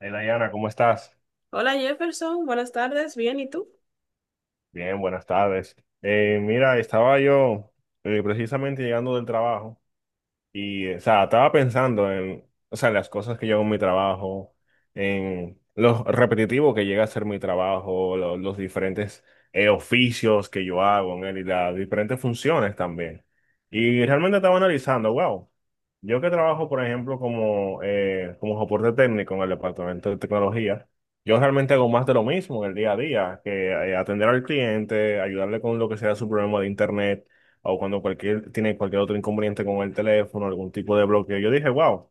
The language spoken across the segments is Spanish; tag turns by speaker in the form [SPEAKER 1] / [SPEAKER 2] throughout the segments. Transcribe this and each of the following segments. [SPEAKER 1] Hey Diana, ¿cómo estás?
[SPEAKER 2] Hola Jefferson, buenas tardes, bien, ¿y tú?
[SPEAKER 1] Bien, buenas tardes. Mira, estaba yo precisamente llegando del trabajo. Y, o sea, estaba pensando en, o sea, en las cosas que yo hago en mi trabajo, en lo repetitivo que llega a ser mi trabajo, los diferentes oficios que yo hago en él y las diferentes funciones también. Y realmente estaba analizando, wow, yo que trabajo, por ejemplo, como soporte técnico en el departamento de tecnología, yo realmente hago más de lo mismo en el día a día, que atender al cliente, ayudarle con lo que sea su problema de internet o tiene cualquier otro inconveniente con el teléfono, algún tipo de bloqueo. Yo dije, wow,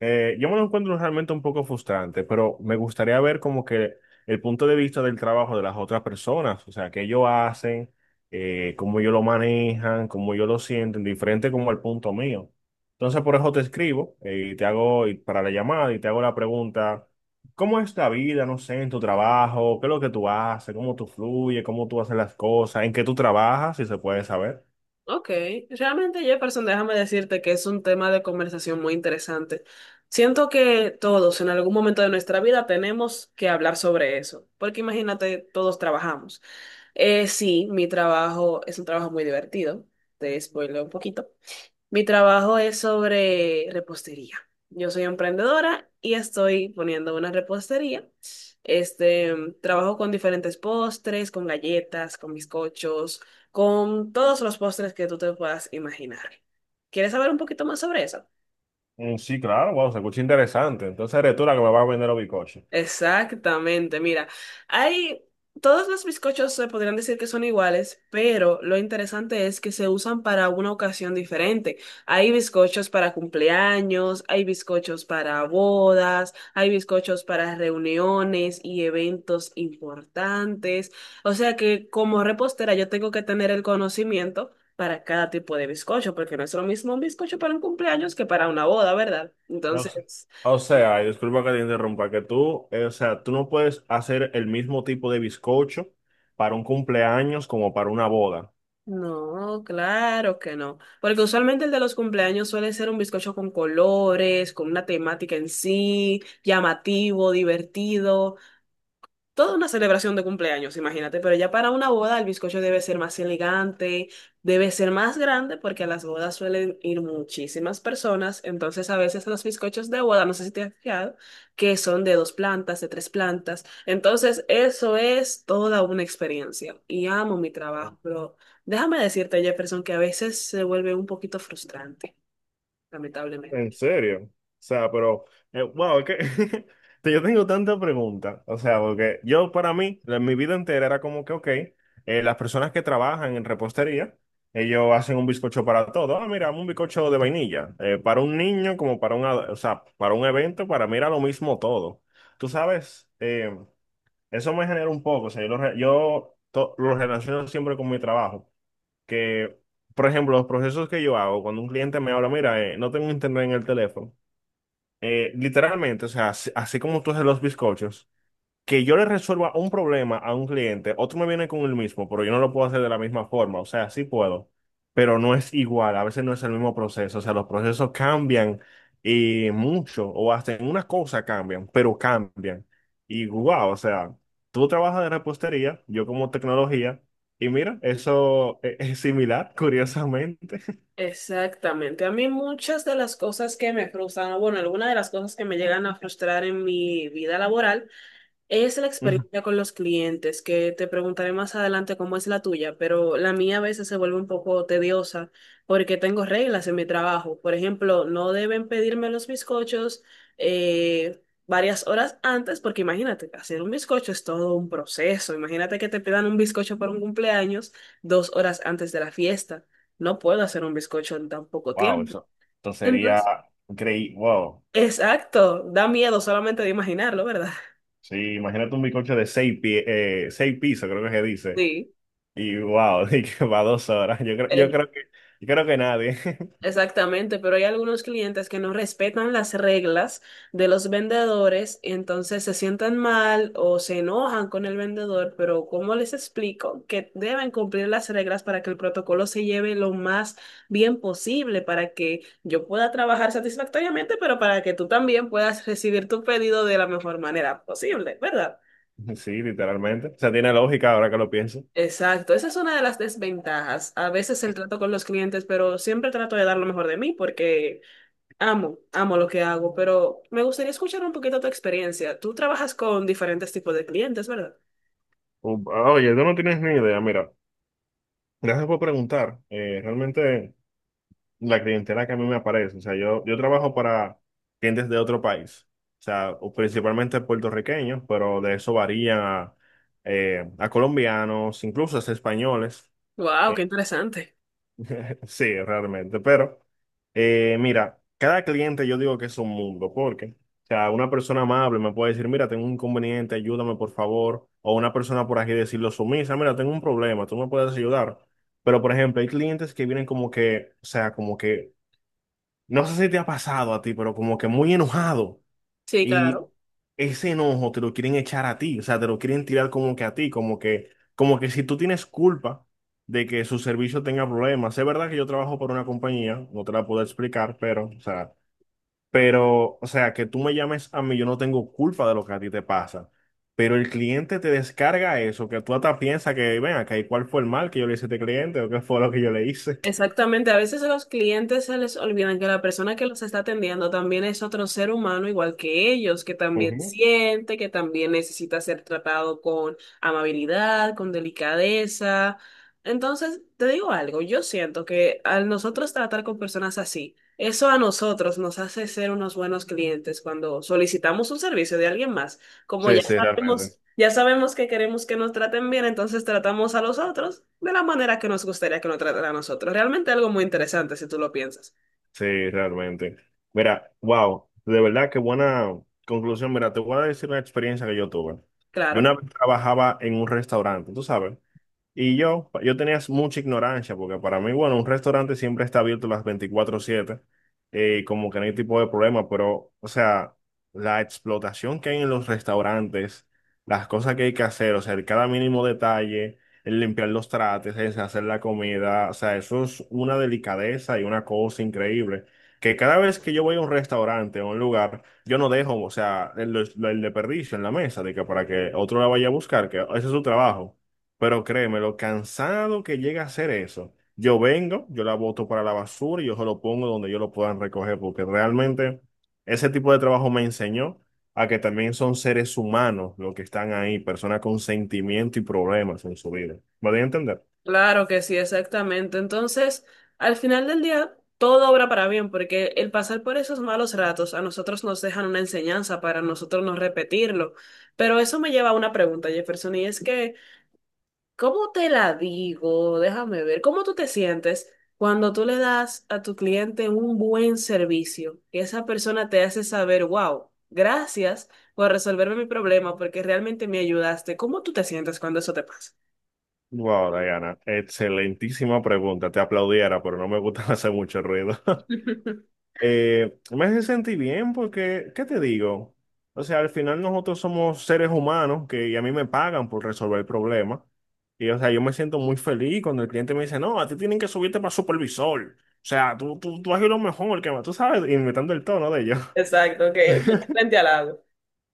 [SPEAKER 1] yo me lo encuentro realmente un poco frustrante, pero me gustaría ver como que el punto de vista del trabajo de las otras personas, o sea, qué ellos hacen, cómo ellos lo manejan, cómo ellos lo sienten, diferente como el punto mío. Entonces, por eso te escribo, y te hago y para la llamada y te hago la pregunta. ¿Cómo es la vida, no sé, en tu trabajo? ¿Qué es lo que tú haces? ¿Cómo tú fluyes? ¿Cómo tú haces las cosas? ¿En qué tú trabajas? Si se puede saber.
[SPEAKER 2] Ok, realmente Jefferson, déjame decirte que es un tema de conversación muy interesante. Siento que todos en algún momento de nuestra vida tenemos que hablar sobre eso, porque imagínate, todos trabajamos. Sí, mi trabajo es un trabajo muy divertido, te spoileo un poquito, mi trabajo es sobre repostería. Yo soy emprendedora y estoy poniendo una repostería. Este, trabajo con diferentes postres, con galletas, con bizcochos, con todos los postres que tú te puedas imaginar. ¿Quieres saber un poquito más sobre eso?
[SPEAKER 1] Mm, sí, claro, wow, se escucha interesante. Entonces eres tú la que me vas a vender los bizcochos.
[SPEAKER 2] Exactamente, mira, hay todos los bizcochos se podrían decir que son iguales, pero lo interesante es que se usan para una ocasión diferente. Hay bizcochos para cumpleaños, hay bizcochos para bodas, hay bizcochos para reuniones y eventos importantes. O sea que como repostera yo tengo que tener el conocimiento para cada tipo de bizcocho, porque no es lo mismo un bizcocho para un cumpleaños que para una boda, ¿verdad?
[SPEAKER 1] No sé.
[SPEAKER 2] Entonces.
[SPEAKER 1] O sea, y disculpa que te interrumpa, que tú, o sea, tú no puedes hacer el mismo tipo de bizcocho para un cumpleaños como para una boda.
[SPEAKER 2] No, claro que no. Porque usualmente el de los cumpleaños suele ser un bizcocho con colores, con una temática en sí, llamativo, divertido, toda una celebración de cumpleaños, imagínate, pero ya para una boda el bizcocho debe ser más elegante, debe ser más grande porque a las bodas suelen ir muchísimas personas. Entonces a veces los bizcochos de boda, no sé si te has fijado, que son de dos plantas, de tres plantas, entonces eso es toda una experiencia y amo mi trabajo, pero déjame decirte, Jefferson, que a veces se vuelve un poquito frustrante,
[SPEAKER 1] En
[SPEAKER 2] lamentablemente.
[SPEAKER 1] serio. O sea, pero, wow, es que yo tengo tantas preguntas. O sea, porque yo para mí, mi vida entera era como que, ok, las personas que trabajan en repostería, ellos hacen un bizcocho para todo. Ah, mira, un bizcocho de vainilla. Para un niño, como o sea, para un evento, para mí era lo mismo todo. Tú sabes, eso me genera un poco. O sea, yo lo, re- yo to- lo relaciono siempre con mi trabajo que, por ejemplo, los procesos que yo hago, cuando un cliente me habla, mira, no tengo internet en el teléfono, literalmente, o sea, así, así como tú haces los bizcochos, que yo le resuelva un problema a un cliente, otro me viene con el mismo, pero yo no lo puedo hacer de la misma forma. O sea, sí puedo, pero no es igual. A veces no es el mismo proceso. O sea, los procesos cambian mucho o hasta en una cosa cambian, pero cambian. Y wow, o sea, tú trabajas de repostería, yo como tecnología, y mira, eso es similar, curiosamente.
[SPEAKER 2] Exactamente. A mí muchas de las cosas que me frustran, o bueno, algunas de las cosas que me llegan a frustrar en mi vida laboral es la
[SPEAKER 1] Ujú.
[SPEAKER 2] experiencia con los clientes, que te preguntaré más adelante cómo es la tuya, pero la mía a veces se vuelve un poco tediosa porque tengo reglas en mi trabajo. Por ejemplo, no deben pedirme los bizcochos eh, varias horas antes, porque imagínate, hacer un bizcocho es todo un proceso. Imagínate que te pidan un bizcocho para un cumpleaños 2 horas antes de la fiesta. No puedo hacer un bizcocho en tan poco
[SPEAKER 1] Wow,
[SPEAKER 2] tiempo.
[SPEAKER 1] eso sería
[SPEAKER 2] Entonces,
[SPEAKER 1] increíble. Wow.
[SPEAKER 2] exacto, da miedo solamente de imaginarlo, ¿verdad?
[SPEAKER 1] Sí, imagínate un bizcocho de 6 pisos, creo que se dice.
[SPEAKER 2] Sí.
[SPEAKER 1] Y wow, y que va 2 horas. Yo creo que nadie.
[SPEAKER 2] Exactamente, pero hay algunos clientes que no respetan las reglas de los vendedores, y entonces se sientan mal o se enojan con el vendedor, pero ¿cómo les explico? Que deben cumplir las reglas para que el protocolo se lleve lo más bien posible, para que yo pueda trabajar satisfactoriamente, pero para que tú también puedas recibir tu pedido de la mejor manera posible, ¿verdad?
[SPEAKER 1] Sí, literalmente. O sea, tiene lógica ahora que lo pienso.
[SPEAKER 2] Exacto, esa es una de las desventajas. A veces el trato con los clientes, pero siempre trato de dar lo mejor de mí porque amo, amo lo que hago, pero me gustaría escuchar un poquito tu experiencia. Tú trabajas con diferentes tipos de clientes, ¿verdad?
[SPEAKER 1] Oye, tú no tienes ni idea. Mira, gracias por preguntar. Realmente la clientela que a mí me aparece. O sea, yo trabajo para clientes de otro país. O sea, o principalmente puertorriqueños, pero de eso varía a, a colombianos, incluso hasta españoles.
[SPEAKER 2] Wow, qué interesante.
[SPEAKER 1] Sí, realmente, pero mira, cada cliente yo digo que es un mundo, porque, o sea, una persona amable me puede decir, mira, tengo un inconveniente, ayúdame por favor, o una persona por aquí decirlo sumisa, mira, tengo un problema, tú me puedes ayudar. Pero, por ejemplo, hay clientes que vienen como que, o sea, como que, no sé si te ha pasado a ti, pero como que muy enojado.
[SPEAKER 2] Sí,
[SPEAKER 1] Y
[SPEAKER 2] claro.
[SPEAKER 1] ese enojo te lo quieren echar a ti, o sea, te lo quieren tirar como que a ti, como que si tú tienes culpa de que su servicio tenga problemas. Es verdad que yo trabajo para una compañía, no te la puedo explicar, pero, o sea, que tú me llames a mí, yo no tengo culpa de lo que a ti te pasa. Pero el cliente te descarga eso, que tú hasta piensas que, ven acá, ¿y cuál fue el mal que yo le hice a este cliente o qué fue lo que yo le hice?
[SPEAKER 2] Exactamente, a veces a los clientes se les olvidan que la persona que los está atendiendo también es otro ser humano igual que ellos, que también
[SPEAKER 1] Ujú.
[SPEAKER 2] siente, que también necesita ser tratado con amabilidad, con delicadeza. Entonces, te digo algo, yo siento que al nosotros tratar con personas así, eso a nosotros nos hace ser unos buenos clientes cuando solicitamos un servicio de alguien más. Como
[SPEAKER 1] Sí, sí, realmente.
[SPEAKER 2] ya sabemos que queremos que nos traten bien, entonces tratamos a los otros de la manera que nos gustaría que nos trataran a nosotros. Realmente algo muy interesante si tú lo piensas.
[SPEAKER 1] Sí, realmente. Mira, wow, de verdad qué buena conclusión. Mira, te voy a decir una experiencia que yo tuve. Yo una
[SPEAKER 2] Claro,
[SPEAKER 1] vez trabajaba en un restaurante, tú sabes. Y yo tenía mucha ignorancia, porque para mí, bueno, un restaurante siempre está abierto las 24/7, como que no hay tipo de problema, pero, o sea, la explotación que hay en los restaurantes, las cosas que hay que hacer, o sea, el cada mínimo detalle, el limpiar los trates, el hacer la comida, o sea, eso es una delicadeza y una cosa increíble. Que cada vez que yo voy a un restaurante o a un lugar, yo no dejo, o sea, el desperdicio en la mesa, de que para que otro la vaya a buscar, que ese es su trabajo. Pero créeme, lo cansado que llega a ser eso. Yo vengo, yo la boto para la basura y yo se lo pongo donde yo lo puedan recoger, porque realmente ese tipo de trabajo me enseñó a que también son seres humanos los que están ahí, personas con sentimiento y problemas en su vida. ¿Me voy a entender?
[SPEAKER 2] claro que sí, exactamente. Entonces, al final del día, todo obra para bien, porque el pasar por esos malos ratos a nosotros nos dejan una enseñanza para nosotros no repetirlo. Pero eso me lleva a una pregunta, Jefferson, y es que ¿cómo te la digo? Déjame ver. ¿Cómo tú te sientes cuando tú le das a tu cliente un buen servicio? Que esa persona te hace saber, wow, gracias por resolverme mi problema porque realmente me ayudaste. ¿Cómo tú te sientes cuando eso te pasa?
[SPEAKER 1] Wow, Diana, excelentísima pregunta. Te aplaudiera, pero no me gusta hacer mucho ruido. Me hace sentir bien porque, ¿qué te digo? O sea, al final nosotros somos seres humanos que y a mí me pagan por resolver problemas. Y, o sea, yo me siento muy feliz cuando el cliente me dice, no, a ti tienen que subirte para supervisor. O sea, tú haces lo mejor que más, tú sabes, inventando el tono de ello.
[SPEAKER 2] Exacto, que frente al lago.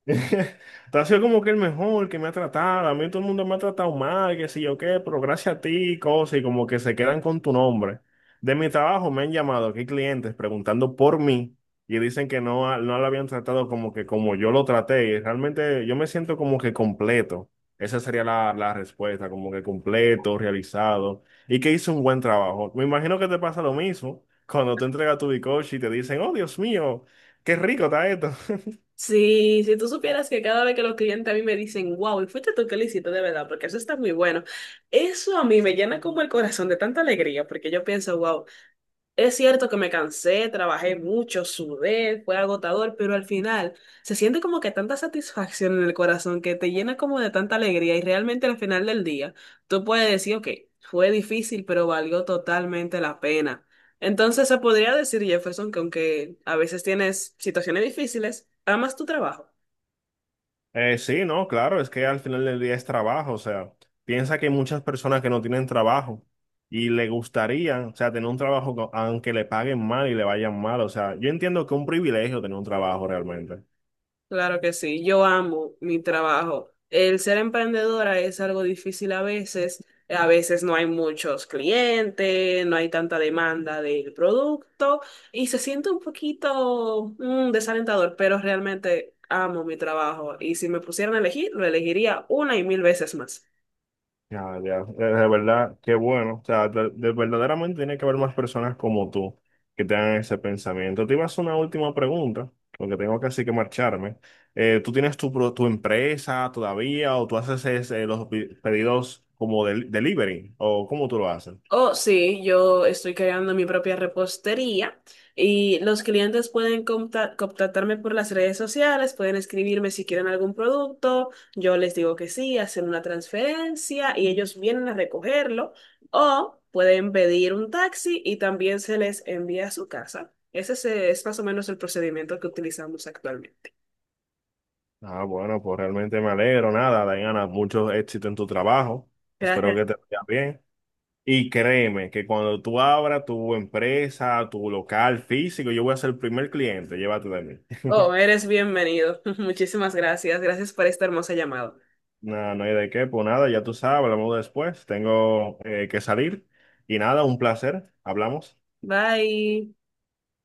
[SPEAKER 1] Tú has sido como que el mejor que me ha tratado. A mí todo el mundo me ha tratado mal, que sé yo qué, pero gracias a ti, cosas, y como que se quedan con tu nombre. De mi trabajo me han llamado aquí clientes preguntando por mí y dicen que no, no lo habían tratado como que como yo lo traté. Y realmente yo me siento como que completo. Esa sería la respuesta, como que completo, realizado y que hizo un buen trabajo. Me imagino que te pasa lo mismo cuando tú entregas tu bizcocho y te dicen, oh Dios mío, qué rico está esto.
[SPEAKER 2] Sí, si tú supieras que cada vez que los clientes a mí me dicen, wow, y fuiste tú que lo hiciste de verdad, porque eso está muy bueno, eso a mí me llena como el corazón de tanta alegría, porque yo pienso, wow. Es cierto que me cansé, trabajé mucho, sudé, fue agotador, pero al final se siente como que tanta satisfacción en el corazón que te llena como de tanta alegría y realmente al final del día tú puedes decir, ok, fue difícil, pero valió totalmente la pena. Entonces se podría decir, Jefferson, que aunque a veces tienes situaciones difíciles, amas tu trabajo.
[SPEAKER 1] Sí, no, claro, es que al final del día es trabajo, o sea, piensa que hay muchas personas que no tienen trabajo y le gustaría, o sea, tener un trabajo aunque le paguen mal y le vayan mal, o sea, yo entiendo que es un privilegio tener un trabajo realmente.
[SPEAKER 2] Claro que sí, yo amo mi trabajo. El ser emprendedora es algo difícil a veces no hay muchos clientes, no hay tanta demanda del producto y se siente un poquito mm, desalentador, pero realmente amo mi trabajo y si me pusieran a elegir, lo elegiría una y 1000 veces más.
[SPEAKER 1] Ya, ya, de verdad, qué bueno. O sea, verdaderamente tiene que haber más personas como tú que tengan ese pensamiento. Te iba a hacer una última pregunta, porque tengo casi que marcharme. ¿Tú tienes tu empresa todavía o tú haces los pedidos como del delivery o cómo tú lo haces?
[SPEAKER 2] Oh, sí, yo estoy creando mi propia repostería y los clientes pueden contactarme por las redes sociales, pueden escribirme si quieren algún producto, yo les digo que sí, hacen una transferencia y ellos vienen a recogerlo o pueden pedir un taxi y también se les envía a su casa. Ese es más o menos el procedimiento que utilizamos actualmente.
[SPEAKER 1] Ah, bueno, pues realmente me alegro. Nada, Diana, mucho éxito en tu trabajo. Espero
[SPEAKER 2] Gracias.
[SPEAKER 1] que te vaya bien. Y créeme que cuando tú abras tu empresa, tu local físico, yo voy a ser el primer cliente, llévate de mí.
[SPEAKER 2] Oh, eres bienvenido. Muchísimas gracias. Gracias por esta hermosa llamada.
[SPEAKER 1] No, no hay de qué, pues nada, ya tú sabes, hablamos después, tengo que salir. Y nada, un placer, hablamos.
[SPEAKER 2] Bye.